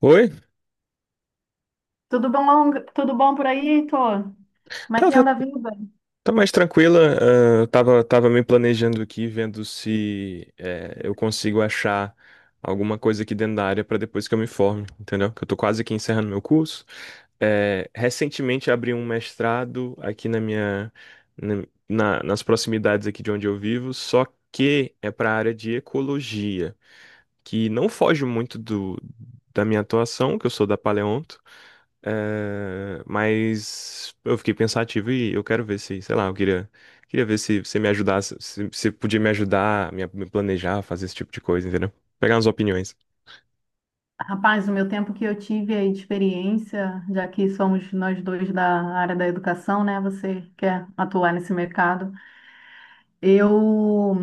Oi? Tudo bom por aí, Heitor? Como é Tá, que tá, anda a vida? tá mais tranquila. Eu tava me planejando aqui, vendo se eu consigo achar alguma coisa aqui dentro da área para depois que eu me forme, entendeu? Que eu tô quase aqui encerrando meu curso. Recentemente abri um mestrado aqui na na- nas proximidades aqui de onde eu vivo, só que é para a área de ecologia, que não foge muito da minha atuação, que eu sou da Paleonto. É, mas eu fiquei pensativo e eu quero ver se, sei lá, queria ver se você me ajudasse, se você podia me ajudar, me planejar, fazer esse tipo de coisa, entendeu? Pegar umas opiniões. Rapaz, o meu tempo que eu tive aí de experiência, já que somos nós dois da área da educação, né? Você quer atuar nesse mercado. Eu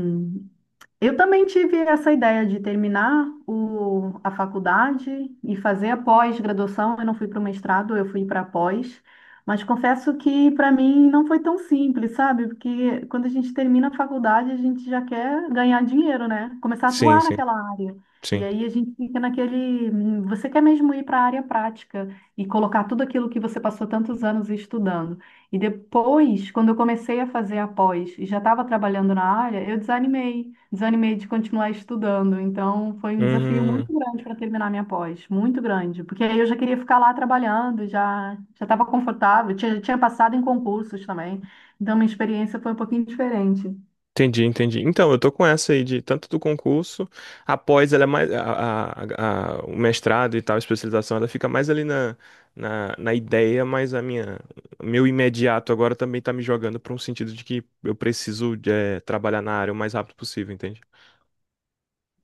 Eu também tive essa ideia de terminar a faculdade e fazer a pós-graduação. Eu não fui para o mestrado, eu fui para a pós. Mas confesso que para mim não foi tão simples, sabe? Porque quando a gente termina a faculdade, a gente já quer ganhar dinheiro, né? Começar a Sim, atuar sim, naquela área. E sim. aí a gente fica naquele, você quer mesmo ir para a área prática e colocar tudo aquilo que você passou tantos anos estudando. E depois, quando eu comecei a fazer a pós e já estava trabalhando na área, eu desanimei de continuar estudando. Então, foi um desafio Uhum. muito grande para terminar minha pós, muito grande, porque aí eu já queria ficar lá trabalhando, já estava confortável, tinha passado em concursos também. Então, minha experiência foi um pouquinho diferente. Entendi, entendi. Então, eu tô com essa aí de tanto do concurso, após ela é mais o mestrado e tal, a especialização, ela fica mais ali na ideia, mas a minha o meu imediato agora também tá me jogando para um sentido de que eu preciso de, trabalhar na área o mais rápido possível, entende?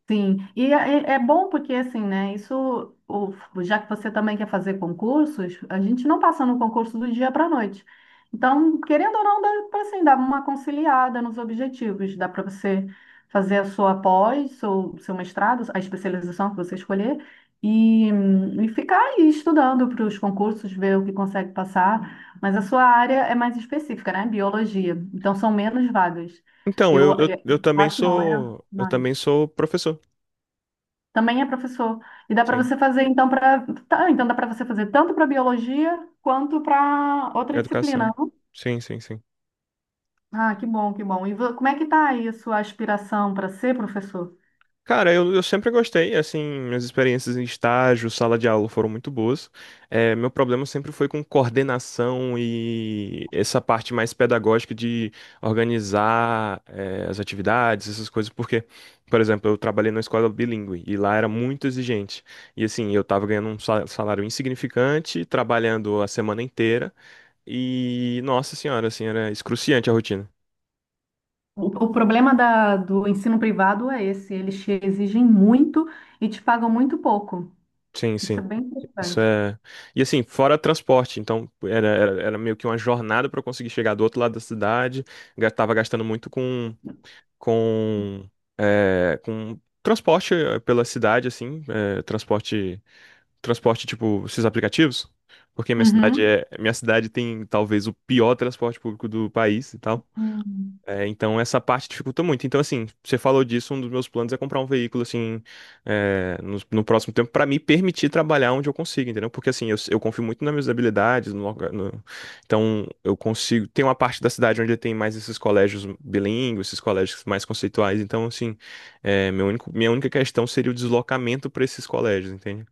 Sim, e é bom porque assim, né? Isso, o- já que você também quer fazer concursos, a gente não passa no concurso do dia para a noite. Então, querendo ou não, dá para assim, dar uma conciliada nos objetivos, dá para você fazer a sua pós, seu mestrado, a especialização que você escolher, e ficar aí estudando para os concursos, ver o que consegue passar. Mas a sua área é mais específica, né? Biologia. Então, são menos vagas. Então, Eu, é, eu acho não, é eu mais. também sou professor, Também é professor. E dá para sim, você fazer, então, para. Tá, então dá para você fazer tanto para biologia quanto para outra educação. disciplina, não? Sim, sim, sim. Ah, que bom, que bom. E como é que tá aí a sua aspiração para ser professor? Cara, eu sempre gostei, assim, minhas experiências em estágio, sala de aula foram muito boas. Meu problema sempre foi com coordenação e essa parte mais pedagógica de organizar, as atividades, essas coisas, porque, por exemplo, eu trabalhei numa escola bilíngue e lá era muito exigente. E assim, eu tava ganhando um salário insignificante, trabalhando a semana inteira e, nossa senhora, assim, era excruciante a rotina. O problema do ensino privado é esse, eles te exigem muito e te pagam muito pouco. Sim, Isso sim. é bem Isso frustrante. é. E assim, fora transporte, então era meio que uma jornada para eu conseguir chegar do outro lado da cidade. Tava gastando muito com, com transporte pela cidade, assim, transporte tipo esses aplicativos, porque minha cidade tem talvez o pior transporte público do país e tal. Uhum. É, então essa parte dificulta muito. Então, assim, você falou disso, um dos meus planos é comprar um veículo, assim, no próximo tempo, para me permitir trabalhar onde eu consigo, entendeu? Porque, assim, eu confio muito nas minhas habilidades, então eu consigo. Tem uma parte da cidade onde tem mais esses colégios bilíngues, esses colégios mais conceituais, então, assim, minha única questão seria o deslocamento para esses colégios, entende?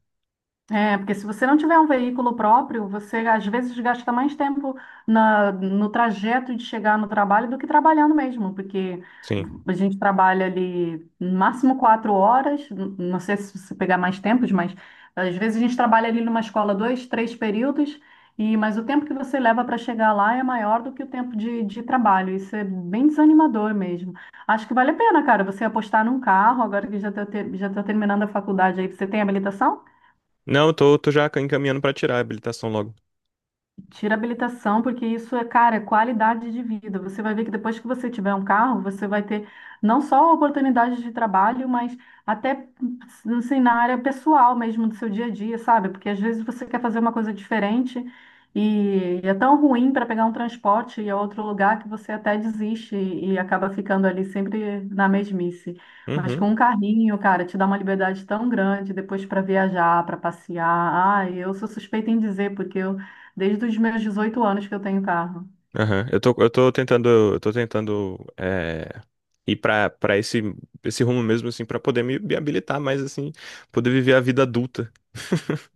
É, porque se você não tiver um veículo próprio, você às vezes gasta mais tempo no trajeto de chegar no trabalho do que trabalhando mesmo, porque Sim. a gente trabalha ali no máximo 4 horas, não sei se você pegar mais tempos, mas às vezes a gente trabalha ali numa escola dois, três períodos, mas o tempo que você leva para chegar lá é maior do que o tempo de trabalho. Isso é bem desanimador mesmo. Acho que vale a pena, cara, você apostar num carro, agora que já está terminando a faculdade aí, você tem habilitação? Não, eu tô já encaminhando para tirar a habilitação logo. Tira a habilitação, porque isso é, cara, é qualidade de vida. Você vai ver que depois que você tiver um carro, você vai ter não só oportunidades de trabalho, mas até, assim, na área pessoal mesmo do seu dia a dia, sabe? Porque às vezes você quer fazer uma coisa diferente e é tão ruim para pegar um transporte e é outro lugar que você até desiste e acaba ficando ali sempre na mesmice. Mas Uhum. com um carrinho, cara, te dá uma liberdade tão grande depois para viajar, para passear. Ah, eu sou suspeita em dizer, porque eu Desde os meus 18 anos que eu tenho carro. Aham. Eu tô tentando ir pra esse rumo mesmo, assim, pra poder me habilitar mais, assim, poder viver a vida adulta.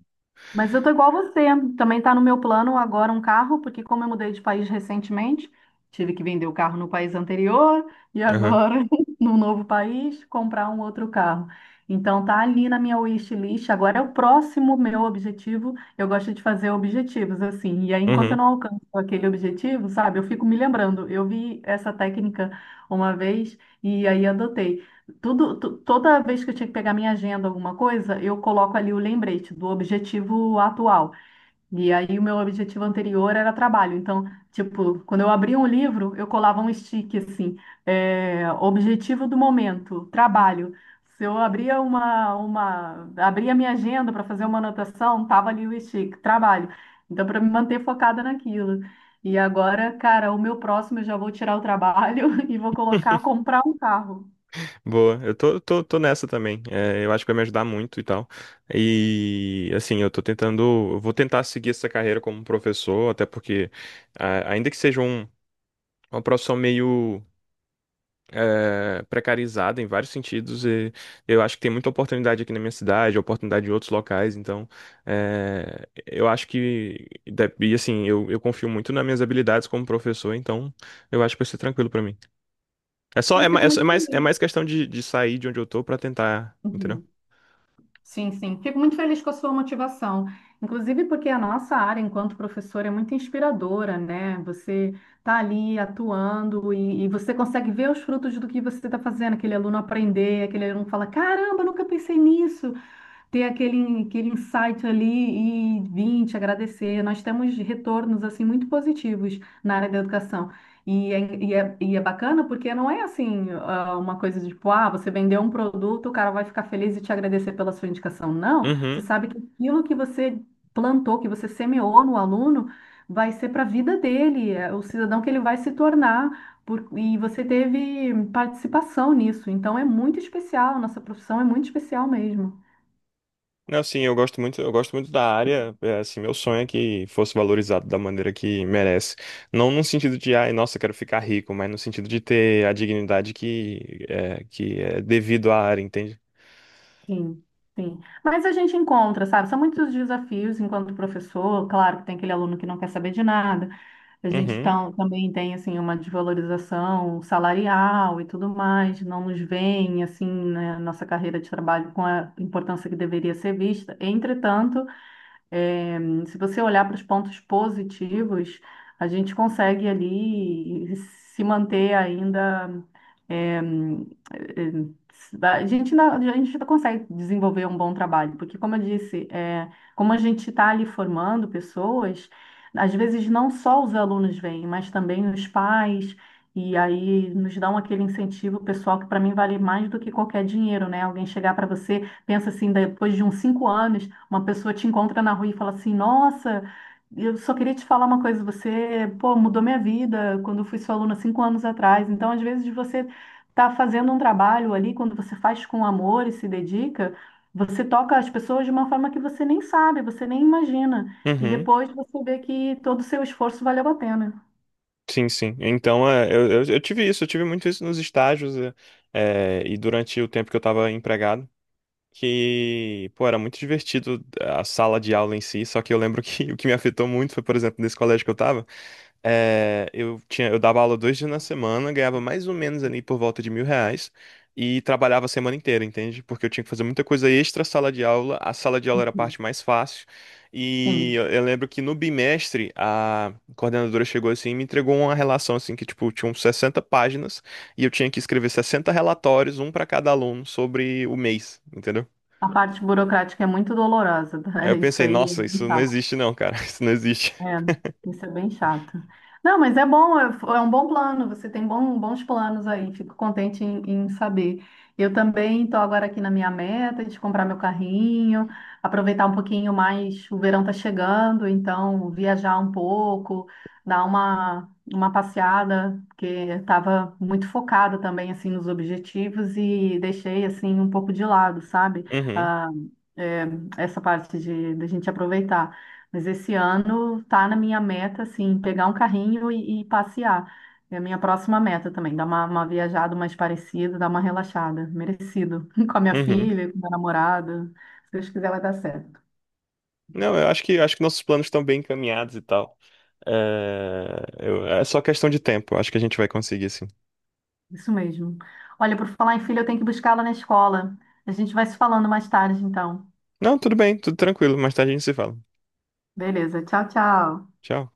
Mas eu tô igual você. Também tá no meu plano agora um carro, porque como eu mudei de país recentemente, tive que vender o carro no país anterior e Aham. agora no novo país comprar um outro carro. Então tá ali na minha wishlist. Agora é o próximo meu objetivo. Eu gosto de fazer objetivos assim. E aí, enquanto eu Uhum. não alcanço aquele objetivo, sabe, eu fico me lembrando. Eu vi essa técnica uma vez e aí adotei. Toda vez que eu tinha que pegar minha agenda, alguma coisa, eu coloco ali o lembrete do objetivo atual. E aí o meu objetivo anterior era trabalho. Então, tipo, quando eu abria um livro, eu colava um stick assim, é, objetivo do momento, trabalho. Se eu abria abria minha agenda para fazer uma anotação, tava ali o stick, trabalho. Então, para me manter focada naquilo. E agora, cara, o meu próximo eu já vou tirar o trabalho e vou colocar comprar um carro. Boa, eu tô nessa também. É, eu acho que vai me ajudar muito e tal. E assim, eu tô tentando, eu vou tentar seguir essa carreira como professor, até porque, ainda que seja uma profissão meio precarizada em vários sentidos e eu acho que tem muita oportunidade aqui na minha cidade, oportunidade em outros locais, então eu acho que e assim, eu confio muito nas minhas habilidades como professor, então eu acho que vai ser tranquilo pra mim. É só Eu fico muito é mais feliz. questão de sair de onde eu tô pra tentar, entendeu? Uhum. Sim, sim. Fico muito feliz com a sua motivação. Inclusive porque a nossa área enquanto professor, é muito inspiradora, né? Você está ali atuando e você consegue ver os frutos do que você está fazendo. Aquele aluno aprender, aquele aluno fala, caramba, eu nunca pensei nisso ter aquele insight ali e vir te agradecer. Nós temos retornos assim muito positivos na área da educação. E é bacana porque não é assim ah, uma coisa de tipo, ah, você vendeu um produto, o cara vai ficar feliz e te agradecer pela sua indicação. Não, você Uhum. sabe que aquilo que você plantou, que você semeou no aluno, vai ser para a vida dele, é o cidadão que ele vai se tornar. E você teve participação nisso, então é muito especial, nossa profissão é muito especial mesmo. Não, sim, eu gosto muito da área, é, assim, meu sonho é que fosse valorizado da maneira que merece. Não no sentido de, ai, nossa, quero ficar rico, mas no sentido de ter a dignidade que é devido à área, entende? Sim, sim. Mas a gente encontra, sabe? São muitos desafios enquanto professor. Claro que tem aquele aluno que não quer saber de nada. A gente Uhum, também tem, assim, uma desvalorização salarial e tudo mais. Não nos veem, assim, né, nossa carreira de trabalho com a importância que deveria ser vista. Entretanto, eh, se você olhar para os pontos positivos, a gente consegue ali se manter ainda a gente ainda consegue desenvolver um bom trabalho, porque, como eu disse, é, como a gente está ali formando pessoas, às vezes não só os alunos vêm, mas também os pais, e aí nos dão aquele incentivo pessoal que, para mim, vale mais do que qualquer dinheiro, né? Alguém chegar para você, pensa assim, depois de uns 5 anos, uma pessoa te encontra na rua e fala assim: Nossa. Eu só queria te falar uma coisa, você, pô, mudou minha vida quando eu fui sua aluna 5 anos atrás. Então, às vezes, você tá fazendo um trabalho ali, quando você faz com amor e se dedica, você toca as pessoas de uma forma que você nem sabe, você nem imagina. E uhum, depois você vê que todo o seu esforço valeu a pena. sim, sim. Então, é, eu tive isso, eu tive muito isso nos estágios, e durante o tempo que eu estava empregado, que, pô, era muito divertido a sala de aula em si, só que eu lembro que o que me afetou muito foi, por exemplo, nesse colégio que eu estava. É, eu dava aula 2 dias na semana, ganhava mais ou menos ali por volta de R$ 1.000 e trabalhava a semana inteira, entende? Porque eu tinha que fazer muita coisa extra sala de aula. A sala de aula era a parte mais fácil. E Sim, eu lembro que no bimestre a coordenadora chegou assim e me entregou uma relação assim que tipo tinha uns 60 páginas e eu tinha que escrever 60 relatórios, um para cada aluno sobre o mês, entendeu? a parte burocrática é muito dolorosa, Aí tá? eu Isso pensei, aí é nossa, muito isso não chato. existe não, cara, isso não existe. É, isso é bem chato. Não, mas é bom, é um bom plano, você tem bons planos aí, fico contente em, saber. Eu também estou agora aqui na minha meta de comprar meu carrinho, aproveitar um pouquinho mais, o verão está chegando, então viajar um pouco, dar uma passeada, porque estava muito focada também, assim, nos objetivos e deixei, assim, um pouco de lado, sabe? Uhum, Ah, é, essa parte da gente aproveitar. Mas esse ano tá na minha meta, assim, pegar um carrinho e passear. É a minha próxima meta também, dar uma viajada mais parecida, dar uma relaxada, merecido. Com a minha uhum. filha, com meu namorado. Se Deus quiser, vai dar certo. Não, eu acho que nossos planos estão bem encaminhados e tal. É, é só questão de tempo. Acho que a gente vai conseguir, sim. Isso mesmo. Olha, por falar em filha, eu tenho que buscá-la na escola. A gente vai se falando mais tarde, então. Não, tudo bem, tudo tranquilo. Mais tarde a gente se fala. Beleza, tchau, tchau. Tchau.